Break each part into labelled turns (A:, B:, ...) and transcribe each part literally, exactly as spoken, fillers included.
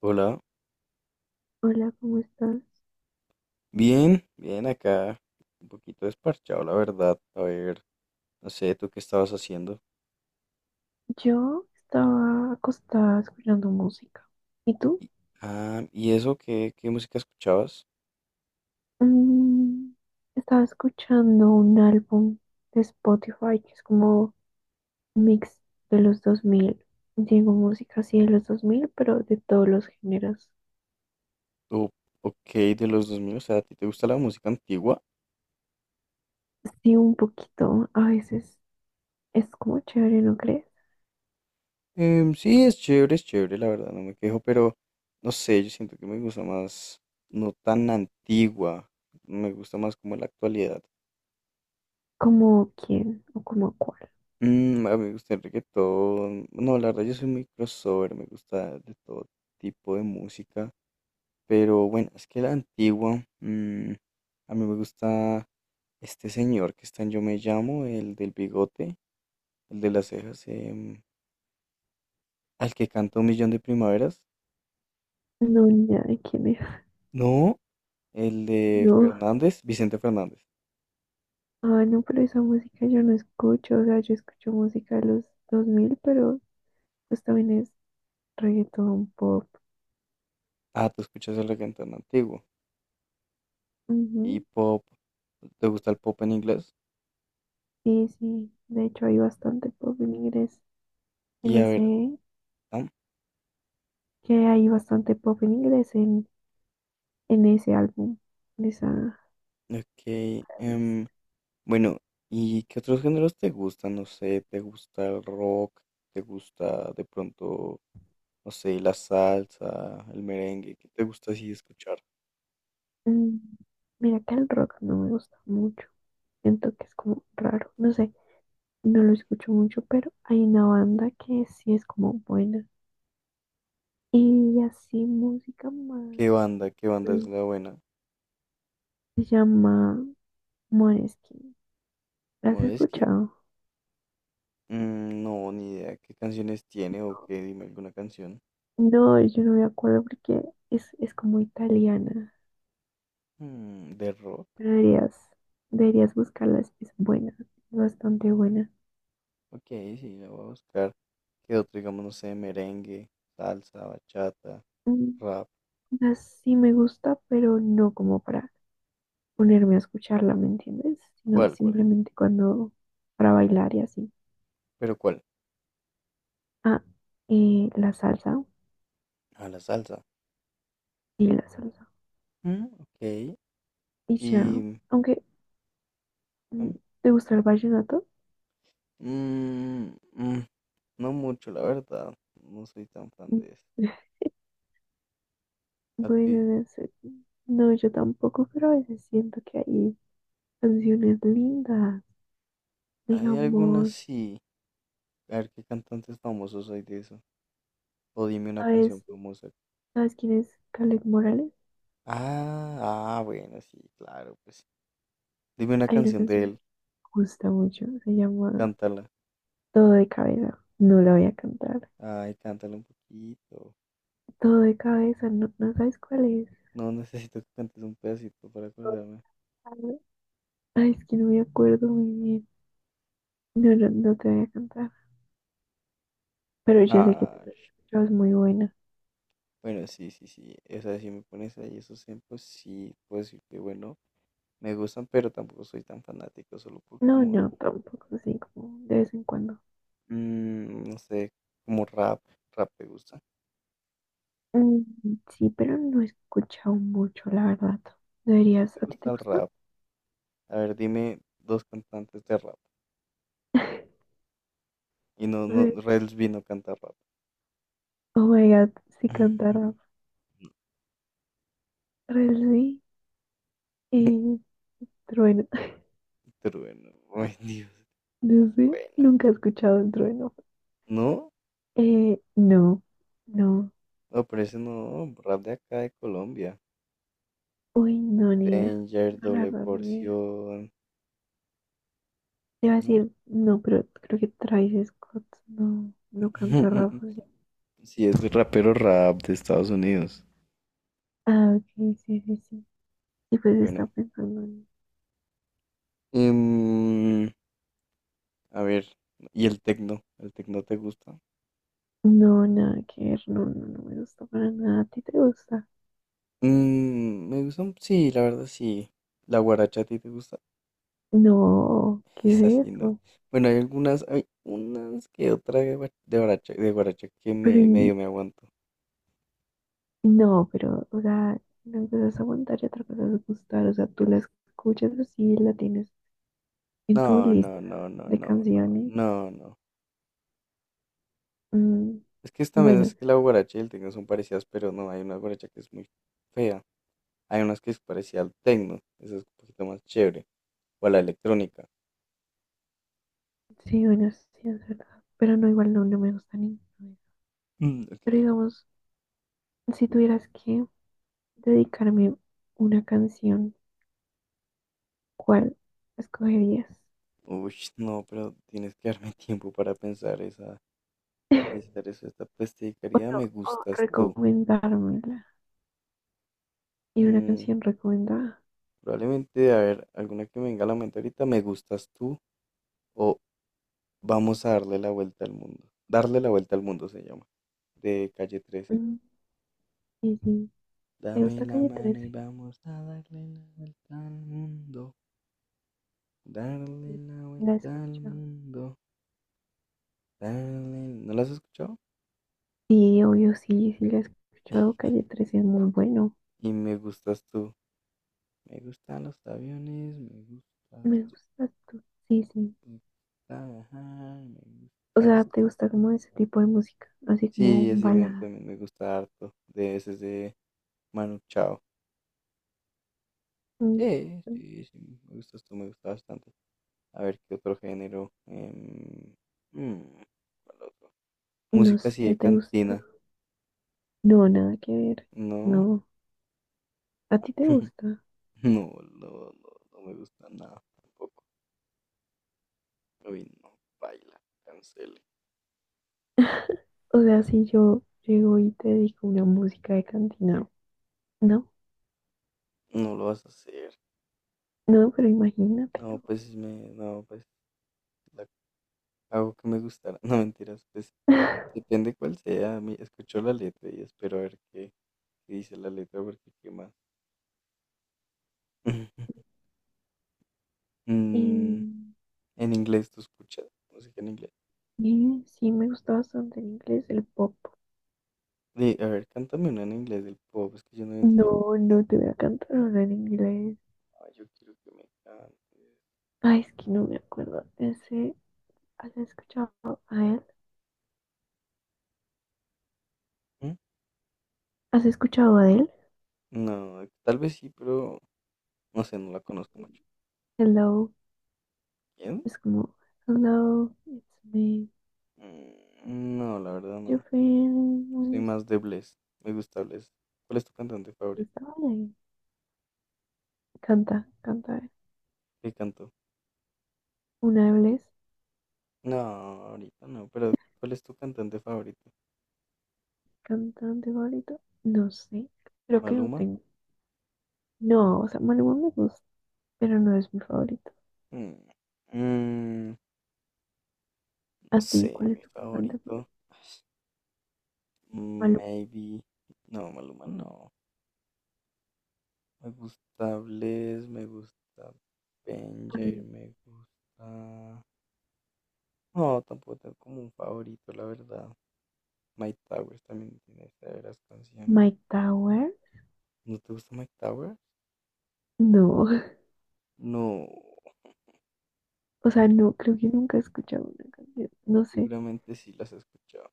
A: Hola,
B: Hola, ¿cómo estás?
A: bien, bien acá, un poquito desparchado, la verdad. A ver, no sé, ¿tú qué estabas haciendo?
B: Yo estaba acostada escuchando música. ¿Y tú?
A: Y, ah, ¿y eso qué, qué música escuchabas?
B: Mm, Estaba escuchando un álbum de Spotify que es como un mix de los dos mil. Digo música así de los dos mil, pero de todos los géneros.
A: ¿O Ok, de los dos mil, o sea, ¿a ti te gusta la música antigua?
B: Sí, un poquito. A veces es como chévere, ¿no crees?
A: Em, sí, es chévere, es chévere, la verdad, no me quejo, pero no sé, yo siento que me gusta más, no tan antigua, me gusta más como la actualidad.
B: ¿Como quién o como cuál?
A: Mm, a mí me gusta el reggaetón, no, la verdad, yo soy muy crossover, me gusta de todo tipo de música. Pero bueno, es que la antigua, mm, a mí me gusta este señor que está en Yo Me Llamo, el del bigote, el de las cejas, em, al que canta Un Millón de Primaveras.
B: No, ni idea de quién es.
A: No, el de
B: No.
A: Fernández, Vicente Fernández.
B: Ah, no, pero esa música yo no escucho, o sea, yo escucho música de los dos mil, pero pues también es reggaetón, pop.
A: Ah, tú escuchas el reggaetón tan antiguo. Y
B: Ujú.
A: pop, ¿te gusta el pop en inglés?
B: Sí, sí. De hecho, hay bastante pop en inglés. En
A: Y a ver,
B: ese,
A: ah,
B: que hay bastante pop en inglés en, en ese álbum, en esa
A: ok,
B: playlist.
A: em, bueno, ¿y qué otros géneros te gustan? No sé, ¿te gusta el rock? ¿Te gusta de pronto no sé, la salsa, el merengue, qué te gusta así escuchar?
B: Mm, Mira que el rock no me gusta mucho. Siento que es como raro. No sé, no lo escucho mucho, pero hay una banda que sí es como buena. Y así música más.
A: ¿Qué banda, qué banda
B: mm,
A: es la buena?
B: Se llama Måneskin. ¿La has
A: Modeski,
B: escuchado?
A: mm, no, ni idea, ¿qué canciones tiene o qué? Dime alguna canción.
B: No, yo no me acuerdo porque es, es como italiana,
A: Mm, de rock,
B: pero deberías, deberías buscarla, es, es buena, bastante buena.
A: ok, sí, la voy a buscar. ¿Qué otro, digamos, no sé, merengue, salsa, bachata,
B: Mm,
A: rap?
B: o sea, sí me gusta, pero no como para ponerme a escucharla, ¿me entiendes? Sino
A: ¿Cuál, cuál?
B: simplemente cuando, para bailar y así.
A: ¿Pero cuál?
B: Ah, eh, la salsa,
A: A la salsa.
B: y la salsa.
A: Mm, ok,
B: Y ya,
A: y...
B: aunque, mm,
A: ¿no?
B: ¿te gusta el vallenato?
A: Mm, mm, mm, no mucho, la verdad, no soy tan fan
B: Mm,
A: de eso. ¿A ti?
B: Bueno, no sé, no, yo tampoco, pero a veces siento que hay canciones lindas.
A: Hay algunas
B: Digamos,
A: sí. A ver qué cantantes famosos hay de eso. O dime una
B: ¿sabes,
A: canción famosa.
B: ¿sabes quién es Caleb Morales?
A: Ah, ah, bueno, sí, claro, pues. Dime una
B: Hay una
A: canción de
B: canción que
A: él,
B: me gusta mucho, se llama
A: cántala.
B: "Todo de cabeza". No la voy a cantar.
A: Ay, cántala un poquito.
B: Todo de cabeza, no, no sabes cuál es.
A: No, necesito que cantes un pedacito para
B: Todo
A: acordarme.
B: de cabeza. Ay, es que no me acuerdo muy bien. No, no, no te voy a cantar. Pero yo sé que tú
A: Ah,
B: la has escuchado, es muy buena.
A: bueno, sí, sí, sí. Esa sí, me pones ahí esos ejemplos, sí, puedo decir que bueno, me gustan, pero tampoco soy tan fanático, solo por
B: No,
A: como, al-
B: no, tampoco, así como de vez en cuando.
A: mm, no sé, como rap. Rap te gusta.
B: Mm, sí, pero no he escuchado mucho, la verdad.
A: Si te
B: Deberías, ¿a ti
A: gusta
B: te
A: el
B: gusta?
A: rap. A ver, dime dos cantantes de rap. Y no, no,
B: A,
A: Rels vino a cantar rap.
B: oh my god, sí canta rap. Real, sí. Eh, Trueno.
A: Pero bueno, ay Dios,
B: No sé,
A: bueno.
B: nunca he escuchado un trueno.
A: No,
B: Eh, no, no.
A: no, pero ese no, rap de acá de Colombia.
B: Uy, no, ni idea.
A: Danger,
B: No, la
A: Doble
B: verdad, ni idea.
A: Porción.
B: Te iba a
A: No.
B: decir, no, pero creo que Travis Scott no, no canta rap, ¿o sí?
A: Sí, es rapero, rap de Estados Unidos.
B: Ah, ok, sí, sí, sí. Y pues está
A: Bueno.
B: pensando en...
A: em, a ver, ¿y el tecno? ¿El tecno te gusta?
B: No, nada que ver, no, no, no me gusta para nada. ¿A ti te gusta?
A: Mm, me gusta, un- sí, la verdad sí. ¿La guaracha a ti te gusta?
B: No,
A: Es
B: ¿qué es
A: así, ¿no?
B: eso?
A: Bueno, hay algunas, hay unas que otra de guara- de guaracha, de guaracha que
B: Pero,
A: me,
B: y-
A: medio me aguanto.
B: no, pero, o sea, una cosa es aguantar y otra cosa es gustar. O sea, tú la escuchas así, la tienes en tu
A: No,
B: lista
A: no, no, no,
B: de
A: no, no,
B: canciones.
A: no, no.
B: mm,
A: Es que también
B: bueno,
A: es que la guaracha y el tecno son parecidas, pero no, hay una guaracha que es muy fea. Hay unas que es parecida al tecno, esa es un poquito más chévere. O a la electrónica.
B: sí, bueno, sí, es verdad. Pero no, igual no, no me gusta ninguna.
A: Mm, ok.
B: Pero digamos, si tuvieras que dedicarme una canción, ¿cuál escogerías?
A: Uy, no, pero tienes que darme tiempo para pensar esa, esa, esa, esta peste de
B: O
A: caridad,
B: no,
A: me
B: o
A: gustas tú.
B: recomendármela. Y una
A: Mm,
B: canción recomendada.
A: Probablemente, a ver, alguna que me venga a la mente ahorita, me gustas tú o vamos a darle la vuelta al mundo. Darle la vuelta al mundo se llama, de Calle trece.
B: Mm, sí, sí. ¿Te
A: Dame
B: gusta
A: la
B: Calle
A: mano y
B: trece
A: vamos a darle la vuelta al mundo.
B: Sí,
A: Darle la
B: sí, la he
A: vuelta al
B: escuchado.
A: mundo. Darle... ¿No la has escuchado?
B: Sí, obvio, sí, sí, la he escuchado. Calle trece es muy bueno.
A: Y me gustas tú. Me gustan los aviones, me
B: Me
A: gustas tú.
B: gusta tú. Sí, sí.
A: Me gusta viajar, me
B: O sea,
A: gustas
B: ¿te
A: tú.
B: gusta como ese tipo de música? Así como
A: Sí, así me,
B: baladas.
A: también me gusta harto. De ese es de Manu Chao.
B: Mm,
A: Sí, sí, sí, me gusta esto, me gusta bastante. A ver, ¿qué otro género? Em, mm, ¿cuál otro?
B: No
A: Música así
B: sé,
A: de
B: ¿te gusta?
A: cantina,
B: No, nada que ver.
A: ¿no?
B: No. ¿A ti te gusta?
A: No, no, no, no me gusta nada tampoco. Uy, no, baila, cancele.
B: O sea, si yo llego y te digo una música de cantina, no,
A: No lo vas a hacer.
B: no, pero
A: No,
B: imagínatelo.
A: pues me, no, pues la hago que me gustara. No, mentiras, pues depende cuál sea. Mi- Escucho la letra y espero a ver qué, qué dice la letra, porque qué más. Mm,
B: Y,
A: En inglés, ¿tú escuchas música en inglés?
B: y sí, me gusta bastante en inglés el pop.
A: De, a ver, cántame una en inglés del pop, es que yo no identifico.
B: No, no te voy a cantar ahora en inglés.
A: Ay, yo quiero que me cantes.
B: Ay, es que no me acuerdo. Ese, ¿has escuchado a él?
A: ¿Mm?
B: ¿Has escuchado a él?
A: No, tal vez sí, pero no sé, no la conozco mucho.
B: Hello.
A: ¿Quién?
B: Es como, "hello, it's me,
A: Mm, no, la verdad
B: your
A: no.
B: friend,
A: Soy
B: where is-"
A: más de Bless. Me gusta Bless. ¿Cuál es tu cantante
B: no
A: favorito?
B: estaba ahí. Canta, canta. eh.
A: ¿Qué cantó?
B: Una vez,
A: No, ahorita no, pero ¿cuál es tu cantante favorito?
B: cantante favorito, no sé, creo que no
A: ¿Maluma?
B: tengo. No, o sea, Maluma me gusta, pero no es mi favorito.
A: Mm, mm, no
B: ¿A ti
A: sé,
B: cuál es
A: mi
B: tu cantante
A: favorito.
B: favorito?
A: Ay, mm,
B: Maluma,
A: maybe. No, Maluma no. Me gusta Bless, me gusta Benjair,
B: mm,
A: me gusta. No, tampoco tengo como un favorito, la verdad. Mike Towers también tiene severas canciones.
B: Mike Tower,
A: ¿No te gusta Mike Towers?
B: no,
A: No,
B: o sea, no, creo que nunca he escuchado una canción, no sé.
A: seguramente sí las he escuchado.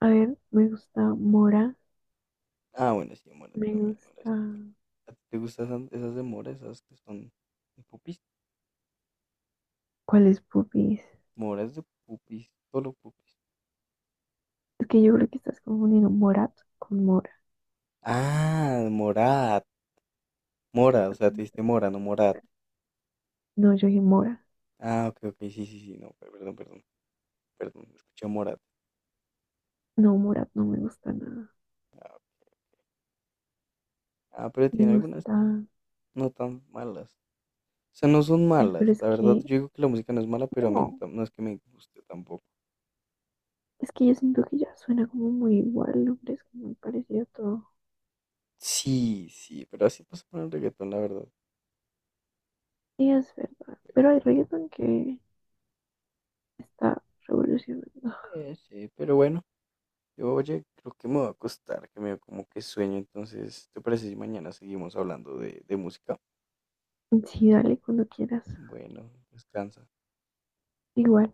B: A ver, me gusta Mora,
A: Ah, bueno, sí, Mora
B: me
A: también. Mora
B: gusta,
A: es bueno. ¿A ti te gustan esas esas de Mora, esas que son de pupis?
B: ¿cuál es Pupis?
A: Mora es de pupis, solo pupis.
B: Es que yo creo que estás confundiendo Morat con Mora.
A: Ah, Morat. Mora, o sea, te diste Mora, no Morat.
B: No, yo dije Mora.
A: Ah, ok, ok, sí, sí, sí, no, perdón, perdón. Perdón, escuché Morat.
B: No, Morat no me gusta nada.
A: Ah, ah, pero
B: Me
A: tiene algunas
B: gusta.
A: no tan malas. O sea, no son
B: Ay, pero
A: malas.
B: es
A: La verdad,
B: que.
A: yo digo que la música no es mala, pero a mí
B: No.
A: no, no es que me guste tampoco.
B: Es que yo siento que ya suena como muy igual, el nombre es como muy parecido a todo.
A: Sí, sí, pero así pasa con el reggaetón, la verdad.
B: Sí, es verdad.
A: Pero
B: Pero hay
A: bueno,
B: reggaeton que está revolucionando.
A: eh, sí, pero bueno. Yo, oye, creo que me va a costar, que me dio como que sueño. Entonces, ¿te parece si mañana seguimos hablando de, de música?
B: Sí, dale cuando quieras.
A: Bueno, descansa.
B: Igual.